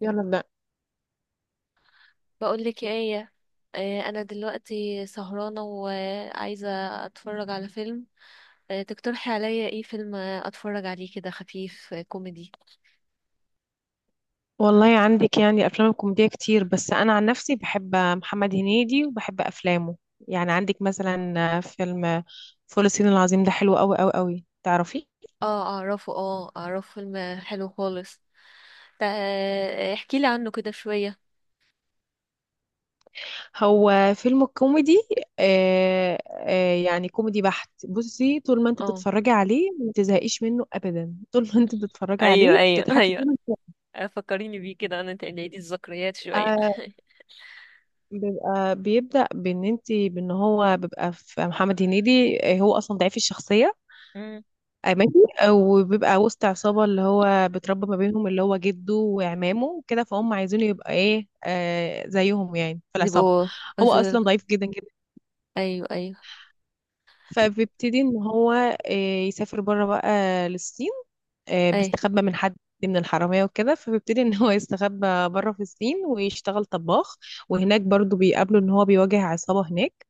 يلا ابدأ. بقول لك ايه. انا دلوقتي سهرانه وعايزه اتفرج على فيلم. تقترحي عليا ايه فيلم اتفرج عليه كده خفيف، كوميدي؟ والله عندك يعني أفلام كوميدية كتير، بس أنا عن نفسي بحب محمد هنيدي وبحب أفلامه. يعني عندك مثلا فيلم فول الصين العظيم، ده حلو أوي أوي أوي، تعرفي. اه، اعرفه، فيلم حلو خالص. احكي لي عنه كده شويه. هو فيلم كوميدي. يعني كوميدي بحت. بصي، طول ما انت اه، بتتفرجي عليه ما تزهقيش منه أبدا. طول ما انت بتتفرجي ايوه، عليه ايوه بتضحكي ايوه. منه. فكريني بيه كده، انا تقليدي الذكريات شويه. آه، بيبقى بيبدأ بإن انت بإن هو بيبقى في محمد هنيدي. هو أصلا ضعيف الشخصية. مم. ماشي، وبيبقى وسط عصابة اللي هو بتربى ما بينهم، اللي هو جده وعمامه وكده، فهم عايزينه يبقى ايه، زيهم يعني في العصابة. بيبقوا هو أزول. أصلا ضعيف جدا جدا. ايوه، ايوه، فبيبتدي ان هو يسافر بره بقى للصين. اي. بيستخبى من حد، من الحرامية وكده، فبيبتدي ان هو يستخبى بره في الصين ويشتغل طباخ. وهناك برضو بيقابله ان هو بيواجه عصابة هناك.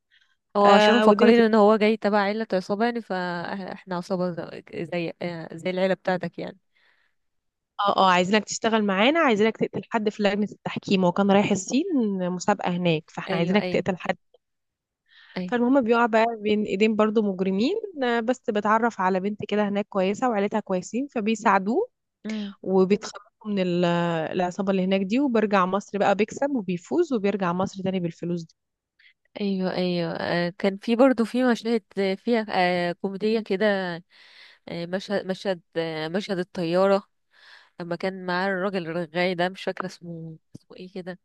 هو عشان والدنيا. مفكرين ان هو جاي تبع عيلة عصابة، يعني فاحنا عصابة، زي، زي العيلة بتاعتك يعني. اه اه، عايزينك تشتغل معانا، عايزينك تقتل حد في لجنة التحكيم. هو كان رايح الصين، مسابقة هناك، فاحنا ايوه، عايزينك ايوه، تقتل حد. ايوه، فالمهم بيقع بقى بين ايدين برضو مجرمين. بس بتعرف على بنت كده هناك كويسة وعيلتها كويسين، فبيساعدوه امم، وبيتخلصوا من العصابة اللي هناك دي، وبرجع مصر بقى، بيكسب وبيفوز وبيرجع مصر تاني بالفلوس دي. ايوه، ايوه. كان في برضو في مشاهد فيها كوميدية كده. مشهد، مشهد الطيارة. لما كان معاه الراجل الرغاي ده، مش فاكرة اسمه ايه كده.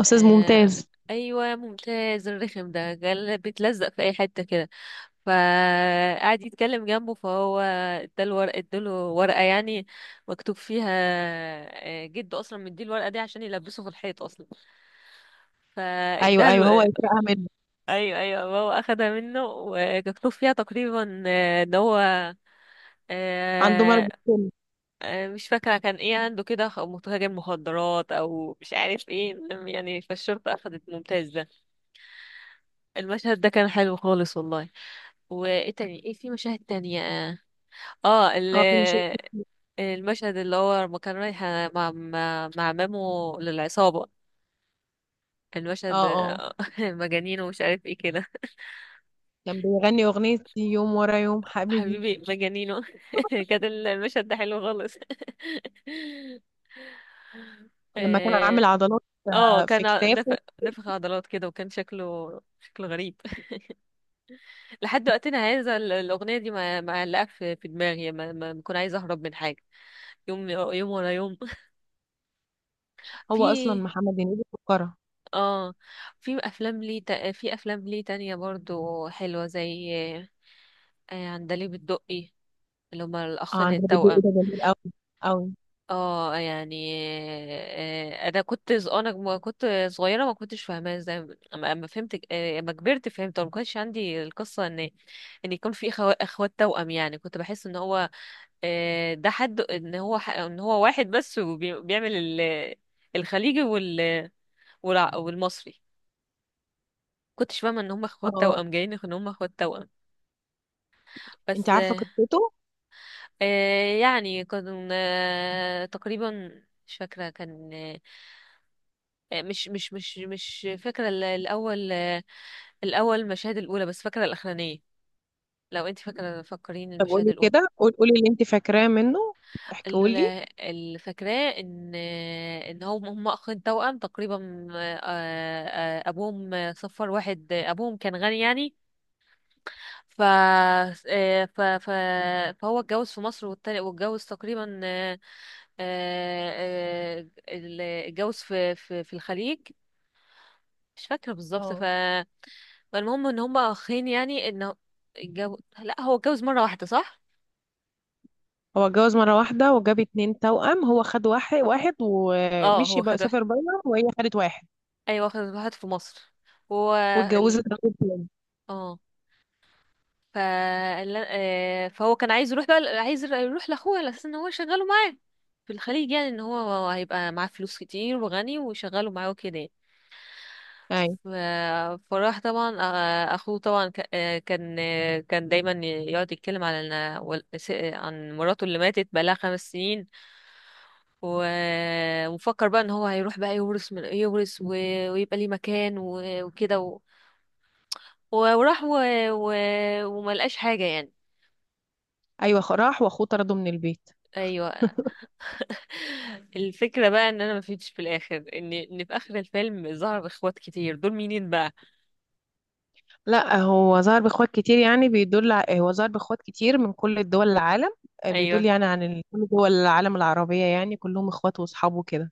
أستاذ آه، ممتاز. ايوه، ممتاز الرخم ده قال بيتلزق في اي حتة كده، فقعد يتكلم جنبه، فهو اداله ورقة يعني مكتوب فيها، جده اصلا مديه الورقة دي عشان يلبسه في الحيط اصلا، أيوه أيوه، هو فاداله. يسرقها منه. ايوه، ايوه، بابا اخدها منه ومكتوب فيها تقريبا، ان هو، عنده مرض آه، السم. مش فاكره كان ايه عنده كده، متاجر مخدرات او مش عارف ايه، المهم يعني فالشرطه اخدت ممتاز ده. المشهد ده كان حلو خالص والله. وايه تاني، ايه في مشاهد تانية؟ اه، آه، ال- اه، في مشاكل. المشهد اللي هو لما كان رايح مع مامو للعصابه، اه المشهد، اه، مجانين ومش عارف ايه كده. كان بيغني أغنية يوم ورا يوم حبيبي، حبيبي مجانينه. كان المشهد ده حلو خالص. لما كان عامل اه. عضلات، آه، في كان ع- نف... كتافه. نفخ عضلات كده، وكان شكله غريب. لحد وقتنا هذا الأغنية دي معلقة في دماغي، ما بكون عايزة أهرب من حاجة. يوم يوم ورا يوم. هو اصلا في محمد هنيدي فقره. اه في أفلام ليه تانية برضو حلوة، زي عندليب الدقي، اللي هما اه، الأخين عندها بدء التوأم. ده جميل قوي قوي. اه يعني، آه، انا كنت ز- انا م- كنت صغيره، ما كنتش فاهماها ازاي. اما، فهمت، اما كبرت فهمت. ما كانش عندي القصه ان يكون في اخوات توأم، يعني كنت بحس ان هو، ده حد، ان هو، ان هو واحد بس، وبيعمل ال- الخليجي والمصري. كنتش فاهمه ان هم اخوات اه. توأم، جايين ان هم اخوات توأم. انت بس، عارفه قصته؟ يعني كنا تقريبا، مش فاكره كان، مش فاكرة الأول، الأول المشاهد الأولى، بس فاكرة الأخرانية. لو انت فاكرة، فكرين طب المشاهد قولي الأولى. كده، قولي اللي انت فاكراه منه، ال- احكيهولي. اللي فاكراه ان، ان هم اخين توأم تقريبا. ابوهم صفر واحد، ابوهم كان غني يعني. ف آه، ف ف فهو اتجوز في مصر، والتاني واتجوز تقريبا، آه، اتجوز في الخليج، مش فاكرة بالظبط. اه، فالمهم ان هما اخين يعني، ان، لا، هو اتجوز مره واحده، صح. هو اتجوز مرة واحدة وجاب اتنين توأم، هو خد واحد واحد اه ومشي هو بقى، خد واحد. سافر بره، وهي خدت واحد ايوه خد واحد في مصر. هو، ال... واتجوزت راجل تاني. اه ف... ال- آه، فهو كان عايز يروح بقى، عايز يروح لاخوه على اساس ان هو يشغله معاه في الخليج، يعني ان هو هيبقى معاه فلوس كتير وغني ويشغله معاه وكده يعني. أيوة ف... فراح طبعا. اخوه طبعا، كان دايما يقعد يتكلم على إن- وال- س- عن مراته اللي ماتت بقالها 5 سنين. و... وفكر بقى ان هو هيروح بقى يورث من يورث، ويبقى ليه مكان، و... وكده و... و- وراح، و... وما لقاش حاجة يعني. أيوة، راح وأخوه طرده من البيت. ايوه، الفكرة بقى ان انا ما فيتش في الاخر، ان، في اخر الفيلم ظهر اخوات كتير دول، مينين بقى؟ لا، هو ظهر باخوات كتير، يعني هو ظهر باخوات كتير من كل دول العالم. ايوه بيدل يعني عن كل دول العالم العربية، يعني كلهم اخوات واصحابه كده.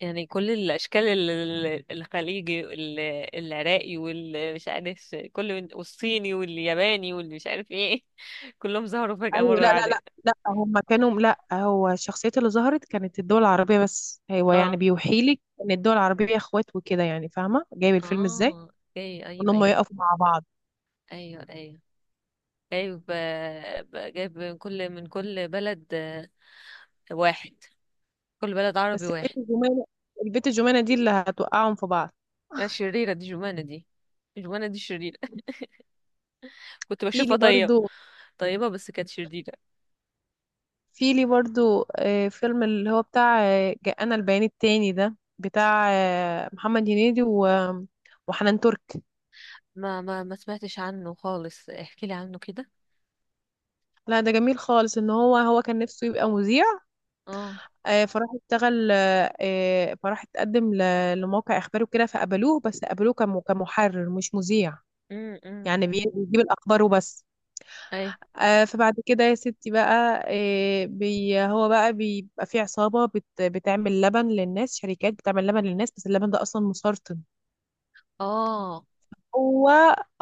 يعني كل الاشكال، الخليجي، العراقي، والمش عارف كل من- والصيني والياباني واللي مش عارف ايه. كلهم ظهروا فجأة ايوه، مرة لا لا واحدة. لا لا، هم كانوا، لا، هو الشخصيات اللي ظهرت كانت الدول العربية بس، هو يعني اه، بيوحي لك ان الدول العربية اخوات وكده، يعني فاهمة جايب الفيلم ازاي. اه، اوكي، وان ايوه، هم ايوه، يقفوا مع بعض. ايوه. ايوه جايب من كل بلد، واحد، كل بلد عربي بس البيت واحد. الجمانة، البيت الجمانة دي اللي هتوقعهم في بعض. شريرة دي، جمانة دي. جمانة دي شريرة. كنت في لي بشوفها طيبة. برضو، طيبة بس كانت شريرة. في لي برضو فيلم اللي هو بتاع جاءنا البيان التاني، ده بتاع محمد هنيدي و وحنان ترك. ما سمعتش عنه خالص، احكي لي عنه كده. لا، ده جميل خالص. ان هو هو كان نفسه يبقى مذيع، اه، آه، فراح اشتغل آه، آه، فراح اتقدم لموقع اخباري وكده، فقبلوه، بس قبلوه كمحرر مش مذيع. امم، امم، يعني بيجيب الاخبار وبس. اي. فبعد كده يا ستي بقى، آه، بي هو بقى بيبقى في عصابة بتعمل لبن للناس، شركات بتعمل لبن للناس، بس اللبن ده اصلا مسرطن. اه. هو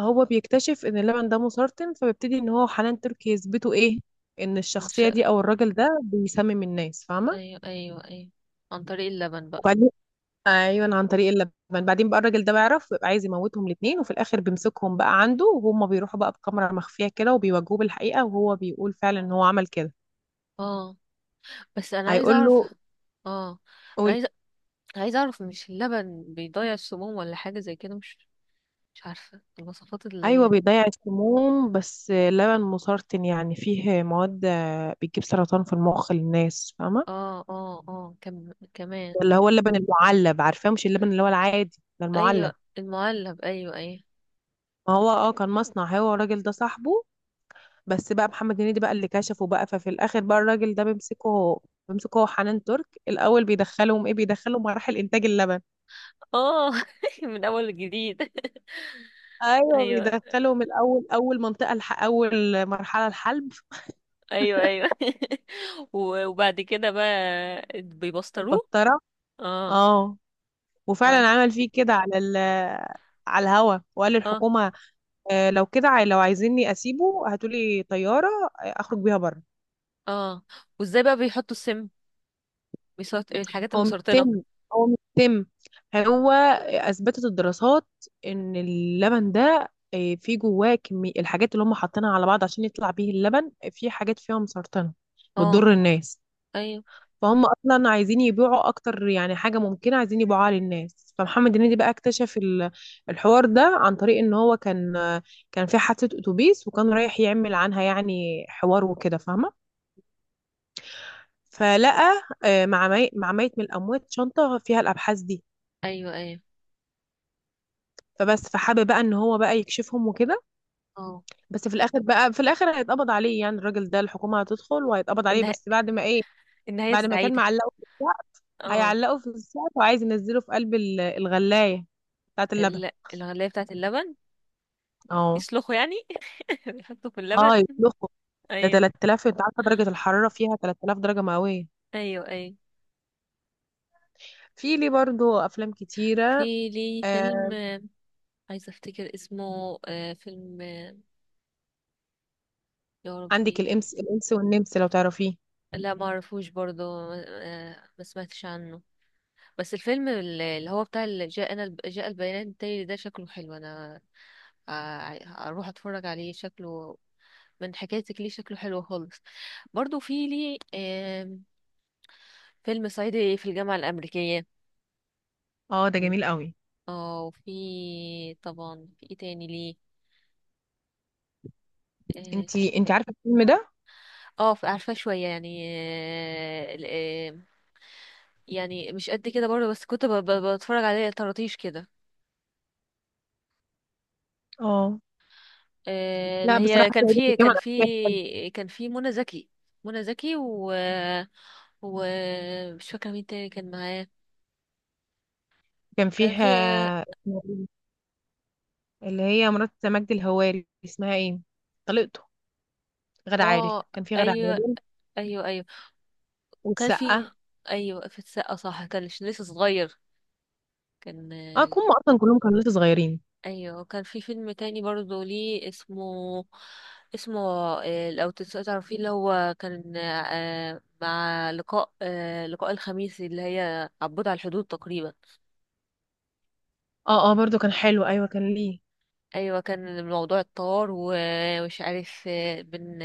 هو بيكتشف ان اللبن ده مسرطن، فبيبتدي ان هو حنان تركي يثبتوا ايه، ان ش... الشخصيه دي او الراجل ده بيسمم الناس، فاهمه. ايوه، ايوه، ايوه، عن طريق اللبن بقى. وبعدين، ايوه عن طريق اللبن. بعدين بقى الراجل ده بيعرف ويبقى عايز يموتهم الاثنين، وفي الاخر بيمسكهم بقى عنده، وهم بيروحوا بقى بكاميرا مخفيه كده، وبيواجهوه بالحقيقه، وهو بيقول فعلا ان هو عمل كده. اه، بس انا عايزه هيقول اعرف. له. اه، انا قول- عايزه، اعرف، مش اللبن بيضيع السموم ولا حاجه زي كده؟ مش عارفه المواصفات اللي ايوه هي. بيضيع السموم، بس اللبن مسرطن، يعني فيه مواد بتجيب سرطان في المخ للناس، فاهمه. اه، اه، اه، كمان. اللي هو اللبن المعلب، عارفاه؟ مش اللبن اللي هو العادي ده، المعلب. ايوه المعلب، ايوه، ايوه. ما هو اه، كان مصنع هو والراجل ده صاحبه، بس بقى محمد هنيدي بقى اللي كشفه بقى. ففي الاخر بقى الراجل ده بيمسكه هو، حنان ترك الاول، بيدخلهم ايه، بيدخلهم مراحل انتاج اللبن. اه من اول جديد. ايوه ايوه، بيدخلهم الاول، اول منطقه اول مرحله الحلب. ايوه، ايوه. وبعد كده بقى في بيبسطروه. البسطره. اه، اه، و- وفعلا عمل فيه كده على على الهوا، وقال اه، للحكومه لو كده لو عايزيني اسيبه هاتولي طياره اخرج بيها بره. اه، وازاي بقى بيحطوا السم؟ الحاجات هو مش المسرطنه. سم، هو مش سم. هو اثبتت الدراسات ان اللبن ده فيه جواه كمية الحاجات اللي هم حاطينها على بعض عشان يطلع بيه اللبن، في حاجات فيها مسرطنة اه، بتضر الناس. ايوه، فهم اصلا عايزين يبيعوا اكتر، يعني حاجة ممكنة عايزين يبيعوها للناس. فمحمد هنيدي بقى اكتشف الحوار ده عن طريق ان هو كان كان في حادثة اتوبيس، وكان رايح يعمل عنها يعني حوار وكده، فاهمة. فلقى مع ميت من الاموات شنطة فيها الابحاث دي. ايوه، ايوه. فبس، فحابب بقى ان هو بقى يكشفهم وكده. اه، بس في الاخر بقى، في الاخر هيتقبض عليه، يعني الراجل ده الحكومه هتدخل وهيتقبض عليه. النهايه، بس بعد ما ايه؟ النهايه بعد ما كان السعيده. معلقه في السقف، اه، هيعلقه في السقف وعايز ينزله في قلب الغلايه بتاعت اللبن. الغلايه بتاعت اللبن. اه يسلخوا يعني، بيحطوا في اللبن. اه، يطلقه. ده ايوه، 3000، انت عارفه درجه الحراره فيها 3000 درجه مئويه. ايوه، ايوه. في لي برضو افلام كتيره. في لي فيلم، آه، عايزة افتكر اسمه. فيلم، يا عندك ربي. الامس الانس والنمس لو تعرفيه. لا، ما اعرفوش برضه. ما سمعتش عنه. بس الفيلم اللي هو بتاع اللي جاء البيان التالي ده، شكله حلو، انا آه، اروح اتفرج عليه. شكله من حكايتك ليه شكله حلو خالص. برضه في لي فيلم صعيدي في الجامعة الأمريكية. اه، ده جميل قوي. اه، وفي طبعا في ايه تاني ليه؟ اه، انتي عارفه الفيلم ده؟ عارفاه شوية يعني. آه، يعني مش قد كده برضه، بس كنت بتفرج عليه طراطيش كده. اه. اللي لا هي، بصراحه كان عاجبني كان كمان. في، كان في منى زكي. منى زكي و مش فاكره مين تاني كان معاه. كان كان فيها، في، اسمها إيه؟ اللي هي مرات مجد الهواري، اسمها ايه، طليقته، غادة عادل، اه، كان في غادة ايوه، عادل ايوه، ايوه، كان والسقا. في. ايوه في السقا صح، كان لسه صغير. كان، اه، كهم اصلا كلهم كانوا لسه صغيرين. ايوه، كان في فيلم تاني برضه ليه اسمه، اسمه لو تعرفيه. اللي هو كان مع لقاء، لقاء الخميس، اللي هي عبود على الحدود تقريبا. اه اه، برضو كان حلو، ايوه كان ليه، ايوه كان الموضوع الطار، ومش عارف، آه، بن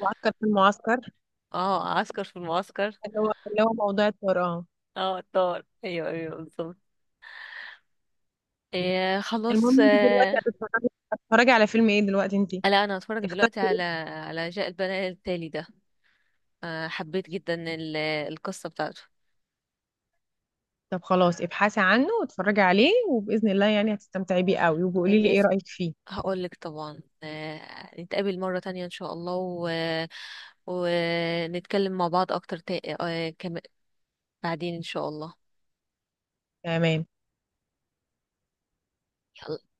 معسكر في المعسكر، اه عسكر في المعسكر. اللي هو موضوع الطيران. اه، الطار، ايوه، ايوه بالظبط. خلاص. المهم، انت دلوقتي هتتفرجي، هتتفرجي على فيلم ايه دلوقتي، انت لا، انا هتفرج دلوقتي اخترتي؟ على، جاء البنات التالي ده. حبيت جدا القصة بتاعته. طب خلاص، ابحثي عنه واتفرجي عليه، وباذن الله يعني هتستمتعي بيه قوي، آه، وبقولي لي ايه بإذن رايك فيه. هقولك طبعا. نتقابل مرة تانية إن شاء الله، ونتكلم مع بعض أكتر، بعدين إن شاء الله. تمام. يلا.